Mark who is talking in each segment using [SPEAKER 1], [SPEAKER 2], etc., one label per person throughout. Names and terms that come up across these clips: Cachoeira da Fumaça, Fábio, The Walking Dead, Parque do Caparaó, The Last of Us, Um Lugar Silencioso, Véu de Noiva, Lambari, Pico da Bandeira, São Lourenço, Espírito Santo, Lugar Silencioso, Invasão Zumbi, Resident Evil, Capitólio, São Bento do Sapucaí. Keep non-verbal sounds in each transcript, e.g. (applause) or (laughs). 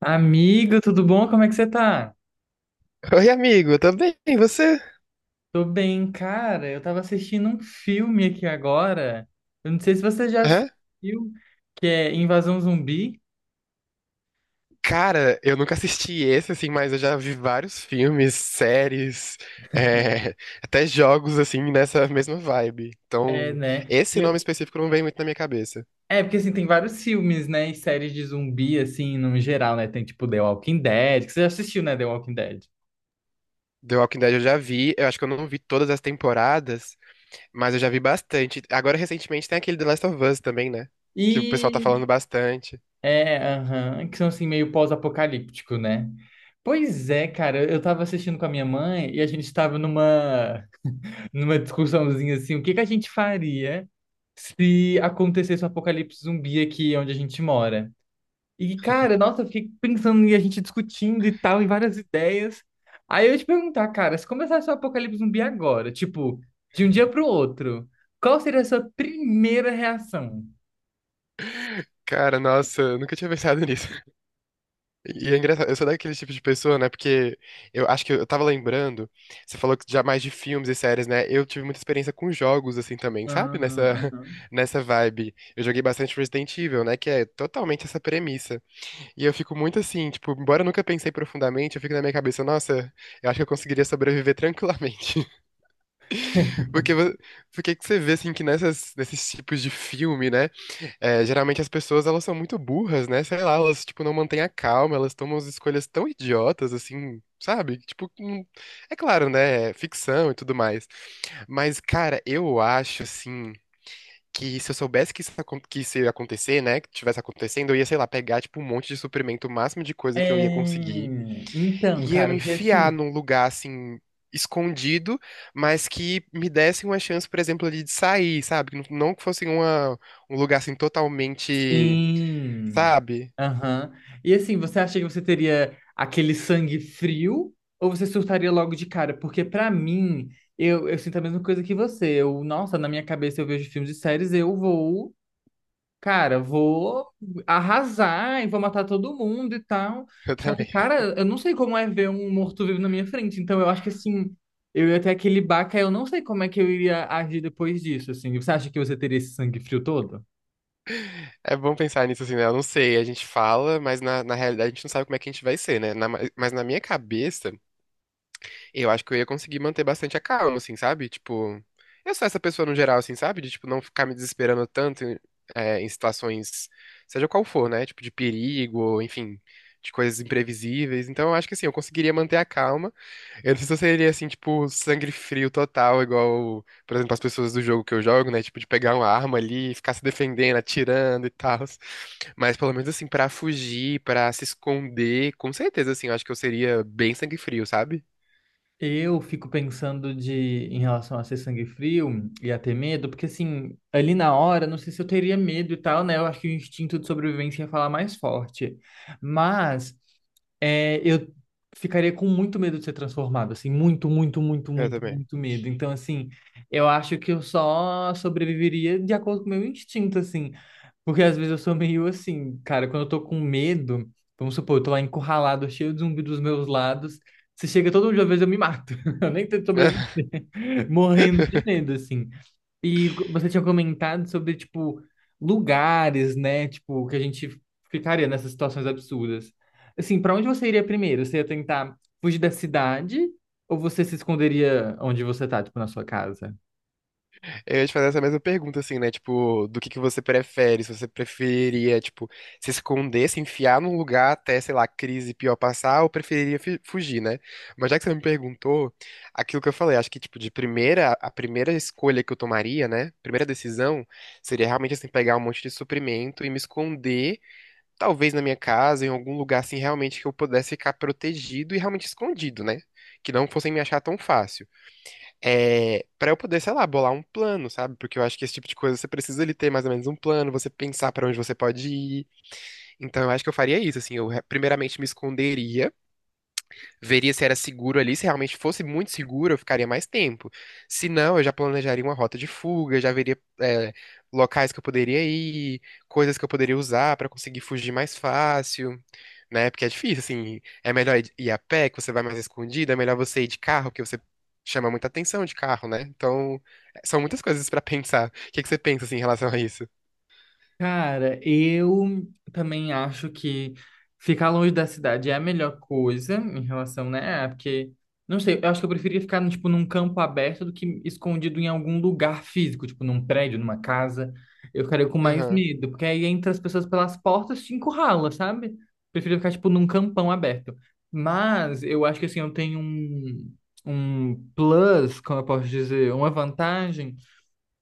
[SPEAKER 1] Amigo, tudo bom? Como é que você tá?
[SPEAKER 2] Oi, amigo, eu tô bem, e você?
[SPEAKER 1] Tô bem, cara. Eu tava assistindo um filme aqui agora. Eu não sei se você já
[SPEAKER 2] Hã?
[SPEAKER 1] assistiu, que é Invasão Zumbi.
[SPEAKER 2] Cara, eu nunca assisti esse, assim, mas eu já vi vários filmes, séries, (laughs) é, até jogos, assim, nessa mesma vibe.
[SPEAKER 1] É,
[SPEAKER 2] Então,
[SPEAKER 1] né?
[SPEAKER 2] esse nome específico não vem muito na minha cabeça.
[SPEAKER 1] É, porque assim, tem vários filmes, né? E séries de zumbi, assim, no geral, né? Tem tipo The Walking Dead, que você já assistiu, né? The Walking Dead.
[SPEAKER 2] The Walking Dead eu já vi, eu acho que eu não vi todas as temporadas, mas eu já vi bastante. Agora, recentemente, tem aquele The Last of Us também, né? Que o pessoal tá
[SPEAKER 1] E.
[SPEAKER 2] falando bastante.
[SPEAKER 1] É, aham, que são assim, meio pós-apocalíptico, né? Pois é, cara, eu tava assistindo com a minha mãe e a gente tava (laughs) numa discussãozinha assim, o que que a gente faria se acontecesse um apocalipse zumbi aqui onde a gente mora. E, cara, nossa, eu fiquei pensando e a gente discutindo e tal, e várias ideias. Aí eu ia te perguntar, cara, se começasse um apocalipse zumbi agora, tipo, de um dia pro outro, qual seria a sua primeira reação?
[SPEAKER 2] (laughs) Cara, nossa, eu nunca tinha pensado (laughs) nisso. E é engraçado, eu sou daquele tipo de pessoa, né? Porque eu acho que eu tava lembrando, você falou que já mais de filmes e séries, né? Eu tive muita experiência com jogos, assim, também,
[SPEAKER 1] Ah,
[SPEAKER 2] sabe? Nessa,
[SPEAKER 1] aham.
[SPEAKER 2] (laughs) nessa vibe. Eu joguei bastante Resident Evil, né? Que é totalmente essa premissa. E eu fico muito assim, tipo, embora eu nunca pensei profundamente, eu fico na minha cabeça, nossa, eu acho que eu conseguiria sobreviver tranquilamente. (laughs)
[SPEAKER 1] (laughs)
[SPEAKER 2] Porque, porque que você vê, assim, que nesses tipos de filme, né? É, geralmente as pessoas, elas são muito burras, né? Sei lá, elas, tipo, não mantêm a calma, elas tomam as escolhas tão idiotas, assim, sabe? Tipo, é claro, né? É ficção e tudo mais. Mas, cara, eu acho, assim, que se eu soubesse que isso, que isso ia acontecer, né? Que tivesse acontecendo, eu ia, sei lá, pegar, tipo, um monte de suprimento, o máximo de coisa que eu ia conseguir,
[SPEAKER 1] É. Então,
[SPEAKER 2] e ia
[SPEAKER 1] cara,
[SPEAKER 2] me
[SPEAKER 1] porque assim.
[SPEAKER 2] enfiar num lugar, assim, escondido, mas que me desse uma chance, por exemplo, ali de sair, sabe? Que não, não que fosse uma, um lugar assim totalmente.
[SPEAKER 1] Sim.
[SPEAKER 2] Sabe?
[SPEAKER 1] Aham. E assim, você acha que você teria aquele sangue frio ou você surtaria logo de cara? Porque pra mim, eu sinto a mesma coisa que você. Eu, nossa, na minha cabeça eu vejo filmes e séries, eu vou, cara, vou arrasar e vou matar todo mundo e tal.
[SPEAKER 2] (laughs) Eu
[SPEAKER 1] Só que,
[SPEAKER 2] também.
[SPEAKER 1] cara, eu não sei como é ver um morto-vivo na minha frente. Então eu acho que assim, eu ia ter aquele baque, aí eu não sei como é que eu iria agir depois disso, assim. Você acha que você teria esse sangue frio todo?
[SPEAKER 2] É bom pensar nisso assim, né? Eu não sei, a gente fala, mas na realidade a gente não sabe como é que a gente vai ser, né? Mas na minha cabeça, eu acho que eu ia conseguir manter bastante a calma, assim, sabe? Tipo, eu sou essa pessoa no geral, assim, sabe? De, tipo, não ficar me desesperando tanto em situações, seja qual for, né? Tipo, de perigo, enfim, de coisas imprevisíveis. Então, eu acho que assim, eu conseguiria manter a calma. Eu não sei se eu seria assim, tipo, sangue frio total, igual, por exemplo, as pessoas do jogo que eu jogo, né? Tipo, de pegar uma arma ali e ficar se defendendo, atirando e tal. Mas pelo menos assim, pra fugir, pra se esconder, com certeza, assim, eu acho que eu seria bem sangue frio, sabe?
[SPEAKER 1] Eu fico pensando de em relação a ser sangue frio e a ter medo, porque assim, ali na hora, não sei se eu teria medo e tal, né? Eu acho que o instinto de sobrevivência ia falar mais forte. Mas é, eu ficaria com muito medo de ser transformado, assim, muito, muito, muito,
[SPEAKER 2] Eu
[SPEAKER 1] muito,
[SPEAKER 2] também.
[SPEAKER 1] muito medo. Então, assim, eu acho que eu só sobreviveria de acordo com o meu instinto, assim. Porque às vezes eu sou meio assim, cara, quando eu tô com medo, vamos supor, eu tô lá encurralado, cheio de zumbi dos meus lados. Se chega todo mundo de uma vez, eu me mato. (laughs) Eu nem tento sobreviver. Morrendo de
[SPEAKER 2] (laughs)
[SPEAKER 1] medo, assim. E você tinha comentado sobre, tipo, lugares, né? Tipo, que a gente ficaria nessas situações absurdas. Assim, pra onde você iria primeiro? Você ia tentar fugir da cidade? Ou você se esconderia onde você tá, tipo, na sua casa?
[SPEAKER 2] Eu ia te fazer essa mesma pergunta, assim, né? Tipo, do que você prefere? Se você preferia, tipo, se esconder, se enfiar num lugar até, sei lá, a crise pior passar, ou preferiria fugir, né? Mas já que você me perguntou, aquilo que eu falei, acho que, tipo, de primeira, a primeira escolha que eu tomaria, né? Primeira decisão seria realmente, assim, pegar um monte de suprimento e me esconder, talvez na minha casa, em algum lugar, assim, realmente que eu pudesse ficar protegido e realmente escondido, né? Que não fossem me achar tão fácil, para eu poder, sei lá, bolar um plano, sabe? Porque eu acho que esse tipo de coisa você precisa ele ter mais ou menos um plano, você pensar pra onde você pode ir. Então eu acho que eu faria isso, assim, eu primeiramente me esconderia, veria se era seguro ali. Se realmente fosse muito seguro, eu ficaria mais tempo. Se não, eu já planejaria uma rota de fuga, já veria, locais que eu poderia ir, coisas que eu poderia usar pra conseguir fugir mais fácil. Né? Porque é difícil, assim. É melhor ir a pé, que você vai mais escondido. É melhor você ir de carro, que você chama muita atenção de carro, né? Então, é, são muitas coisas pra (laughs) pensar. O que que você pensa, assim, em relação a isso?
[SPEAKER 1] Cara, eu também acho que ficar longe da cidade é a melhor coisa em relação, né? Ah, porque, não sei, eu acho que eu preferia ficar, tipo, num campo aberto do que escondido em algum lugar físico, tipo, num prédio, numa casa. Eu ficaria com mais
[SPEAKER 2] Aham.
[SPEAKER 1] medo, porque aí entra as pessoas pelas portas, te encurrala, sabe? Prefiro ficar, tipo, num campão aberto. Mas eu acho que, assim, eu tenho um plus, como eu posso dizer, uma vantagem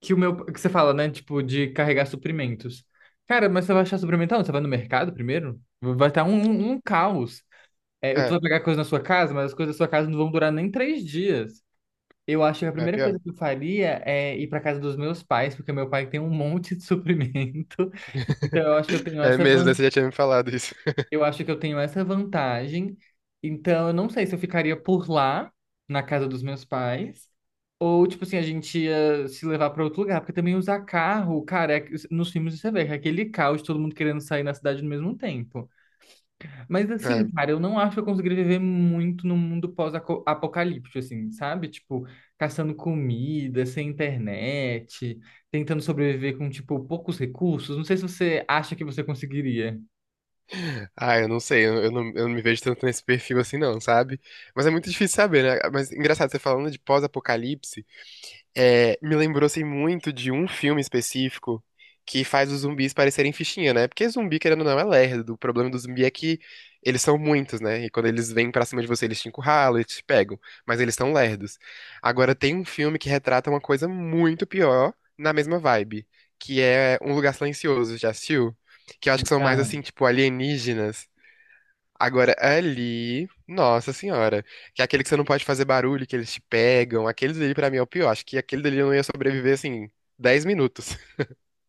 [SPEAKER 1] que o meu. Que você fala, né? Tipo, de carregar suprimentos. Cara, mas você vai achar suprimento onde? Você vai no mercado primeiro? Vai estar um caos. É, eu tô
[SPEAKER 2] É,
[SPEAKER 1] vai pegar coisa na sua casa, mas as coisas da sua casa não vão durar nem três dias. Eu acho que a
[SPEAKER 2] é
[SPEAKER 1] primeira
[SPEAKER 2] pior.
[SPEAKER 1] coisa que eu faria é ir para casa dos meus pais, porque meu pai tem um monte de suprimento. (laughs) Então eu acho que eu tenho
[SPEAKER 2] É
[SPEAKER 1] essa
[SPEAKER 2] mesmo, né? Você já tinha me falado isso. (laughs)
[SPEAKER 1] eu acho que eu tenho essa vantagem. Então, eu não sei se eu ficaria por lá, na casa dos meus pais, ou, tipo assim, a gente ia se levar para outro lugar. Porque também usar carro, cara, é- nos filmes você vê que é aquele caos, todo mundo querendo sair na cidade no mesmo tempo. Mas, assim,
[SPEAKER 2] É.
[SPEAKER 1] cara, eu não acho que eu conseguiria viver muito no mundo pós-apocalíptico, assim, sabe? Tipo, caçando comida, sem internet, tentando sobreviver com, tipo, poucos recursos. Não sei se você acha que você conseguiria.
[SPEAKER 2] Ah, eu não sei, eu não me vejo tanto nesse perfil assim, não, sabe? Mas é muito difícil saber, né? Mas engraçado, você falando de pós-apocalipse. Me lembrou assim, muito de um filme específico que faz os zumbis parecerem fichinha, né? Porque zumbi, querendo ou não, é lerdo. O problema do zumbi é que eles são muitos, né? E quando eles vêm pra cima de você, eles te encurralam, eles te pegam. Mas eles são lerdos. Agora, tem um filme que retrata uma coisa muito pior na mesma vibe, que é Um Lugar Silencioso. Já assistiu? Que eu acho que são mais
[SPEAKER 1] Já.
[SPEAKER 2] assim, tipo, alienígenas. Agora, ali, nossa senhora, que é aquele que você não pode fazer barulho, que eles te pegam, aquele ali pra mim é o pior. Acho que aquele dali eu não ia sobreviver, assim, 10 minutos. (laughs)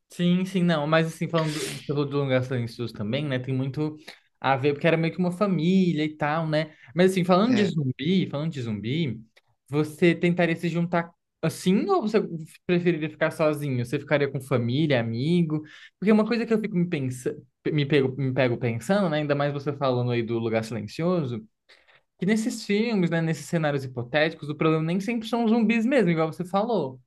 [SPEAKER 1] Sim, sim, não, mas assim, falando do, você falou do Lugar dos Silencioso também, né, tem muito a ver, porque era meio que uma família e tal, né, mas assim,
[SPEAKER 2] É,
[SPEAKER 1] falando de zumbi, você tentaria se juntar assim, ou você preferiria ficar sozinho? Você ficaria com família, amigo? Porque uma coisa que eu fico me pensando, me pego pensando, né, ainda mais você falando aí do Lugar Silencioso, que nesses filmes, né, nesses cenários hipotéticos, o problema nem sempre são os zumbis mesmo, igual você falou,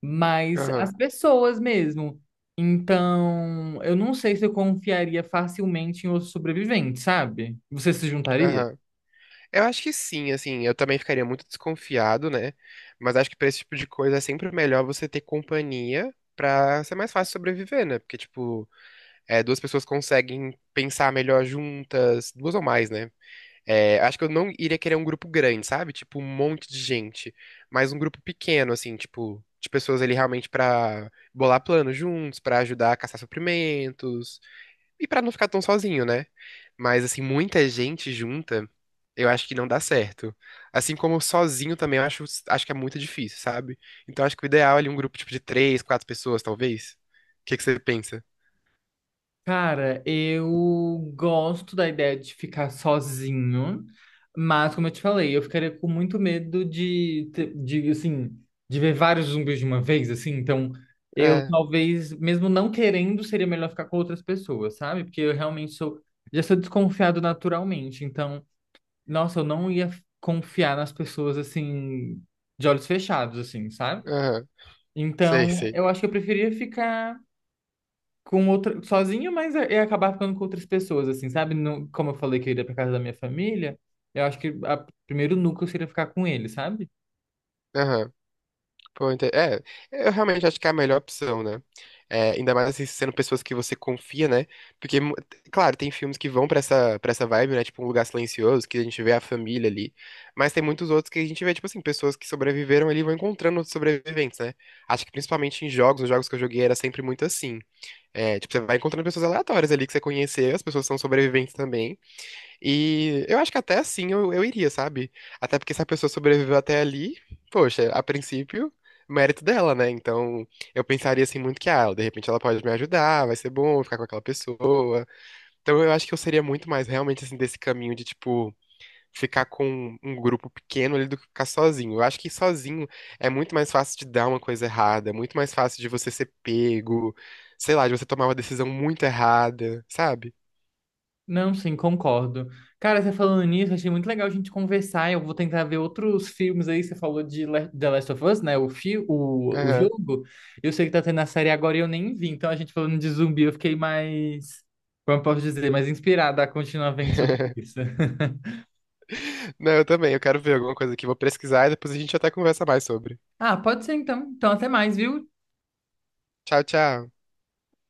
[SPEAKER 1] mas as
[SPEAKER 2] aham,
[SPEAKER 1] pessoas mesmo. Então, eu não sei se eu confiaria facilmente em outro sobrevivente, sabe? Você se juntaria?
[SPEAKER 2] aham. Eu acho que sim, assim, eu também ficaria muito desconfiado, né? Mas acho que pra esse tipo de coisa é sempre melhor você ter companhia pra ser mais fácil sobreviver, né? Porque, tipo, é, duas pessoas conseguem pensar melhor juntas, duas ou mais, né? É, acho que eu não iria querer um grupo grande, sabe? Tipo, um monte de gente. Mas um grupo pequeno, assim, tipo, de pessoas ali realmente pra bolar planos juntos, pra ajudar a caçar suprimentos e pra não ficar tão sozinho, né? Mas, assim, muita gente junta, eu acho que não dá certo. Assim como sozinho também, eu acho, acho que é muito difícil, sabe? Então, acho que o ideal é ali um grupo, tipo, de três, quatro pessoas, talvez. O que que você pensa?
[SPEAKER 1] Cara, eu gosto da ideia de ficar sozinho, mas como eu te falei, eu ficaria com muito medo de, assim, de ver vários zumbis de uma vez, assim, então eu
[SPEAKER 2] É,
[SPEAKER 1] talvez, mesmo não querendo, seria melhor ficar com outras pessoas, sabe? Porque eu realmente sou, já sou desconfiado naturalmente, então nossa, eu não ia confiar nas pessoas assim, de olhos fechados, assim, sabe?
[SPEAKER 2] aham, sei,
[SPEAKER 1] Então,
[SPEAKER 2] sei.
[SPEAKER 1] eu acho que eu preferia ficar com outra, sozinho, mas eu ia acabar ficando com outras pessoas, assim, sabe? Não, como eu falei que eu iria pra casa da minha família, eu acho que o primeiro núcleo seria ficar com ele, sabe?
[SPEAKER 2] Aham. Pô, é, eu realmente acho que é a melhor opção, né? É, ainda mais assim, sendo pessoas que você confia, né? Porque, claro, tem filmes que vão pra essa vibe, né? Tipo, Um Lugar Silencioso, que a gente vê a família ali. Mas tem muitos outros que a gente vê, tipo assim, pessoas que sobreviveram ali e vão encontrando outros sobreviventes, né? Acho que principalmente em jogos, nos jogos que eu joguei era sempre muito assim. É, tipo, você vai encontrando pessoas aleatórias ali que você conheceu, as pessoas são sobreviventes também. E eu acho que até assim eu iria, sabe? Até porque se a pessoa sobreviveu até ali, poxa, a princípio, mérito dela, né? Então eu pensaria assim muito que, ah, de repente ela pode me ajudar, vai ser bom ficar com aquela pessoa. Então eu acho que eu seria muito mais realmente assim desse caminho de, tipo, ficar com um grupo pequeno ali do que ficar sozinho. Eu acho que sozinho é muito mais fácil de dar uma coisa errada, é muito mais fácil de você ser pego, sei lá, de você tomar uma decisão muito errada, sabe?
[SPEAKER 1] Não, sim, concordo. Cara, você falando nisso, achei muito legal a gente conversar. Eu vou tentar ver outros filmes aí. Você falou de The Last of Us, né? O
[SPEAKER 2] Aham.
[SPEAKER 1] jogo. Eu sei que tá tendo a série agora e eu nem vi. Então, a gente falando de zumbi, eu fiquei mais, como eu posso dizer, mais inspirada a continuar vendo sobre
[SPEAKER 2] (laughs)
[SPEAKER 1] isso. (laughs)
[SPEAKER 2] Não, eu também. Eu quero ver alguma coisa aqui. Vou pesquisar e depois a gente até conversa mais sobre.
[SPEAKER 1] Ah, pode ser então. Então, até mais, viu?
[SPEAKER 2] Tchau, tchau.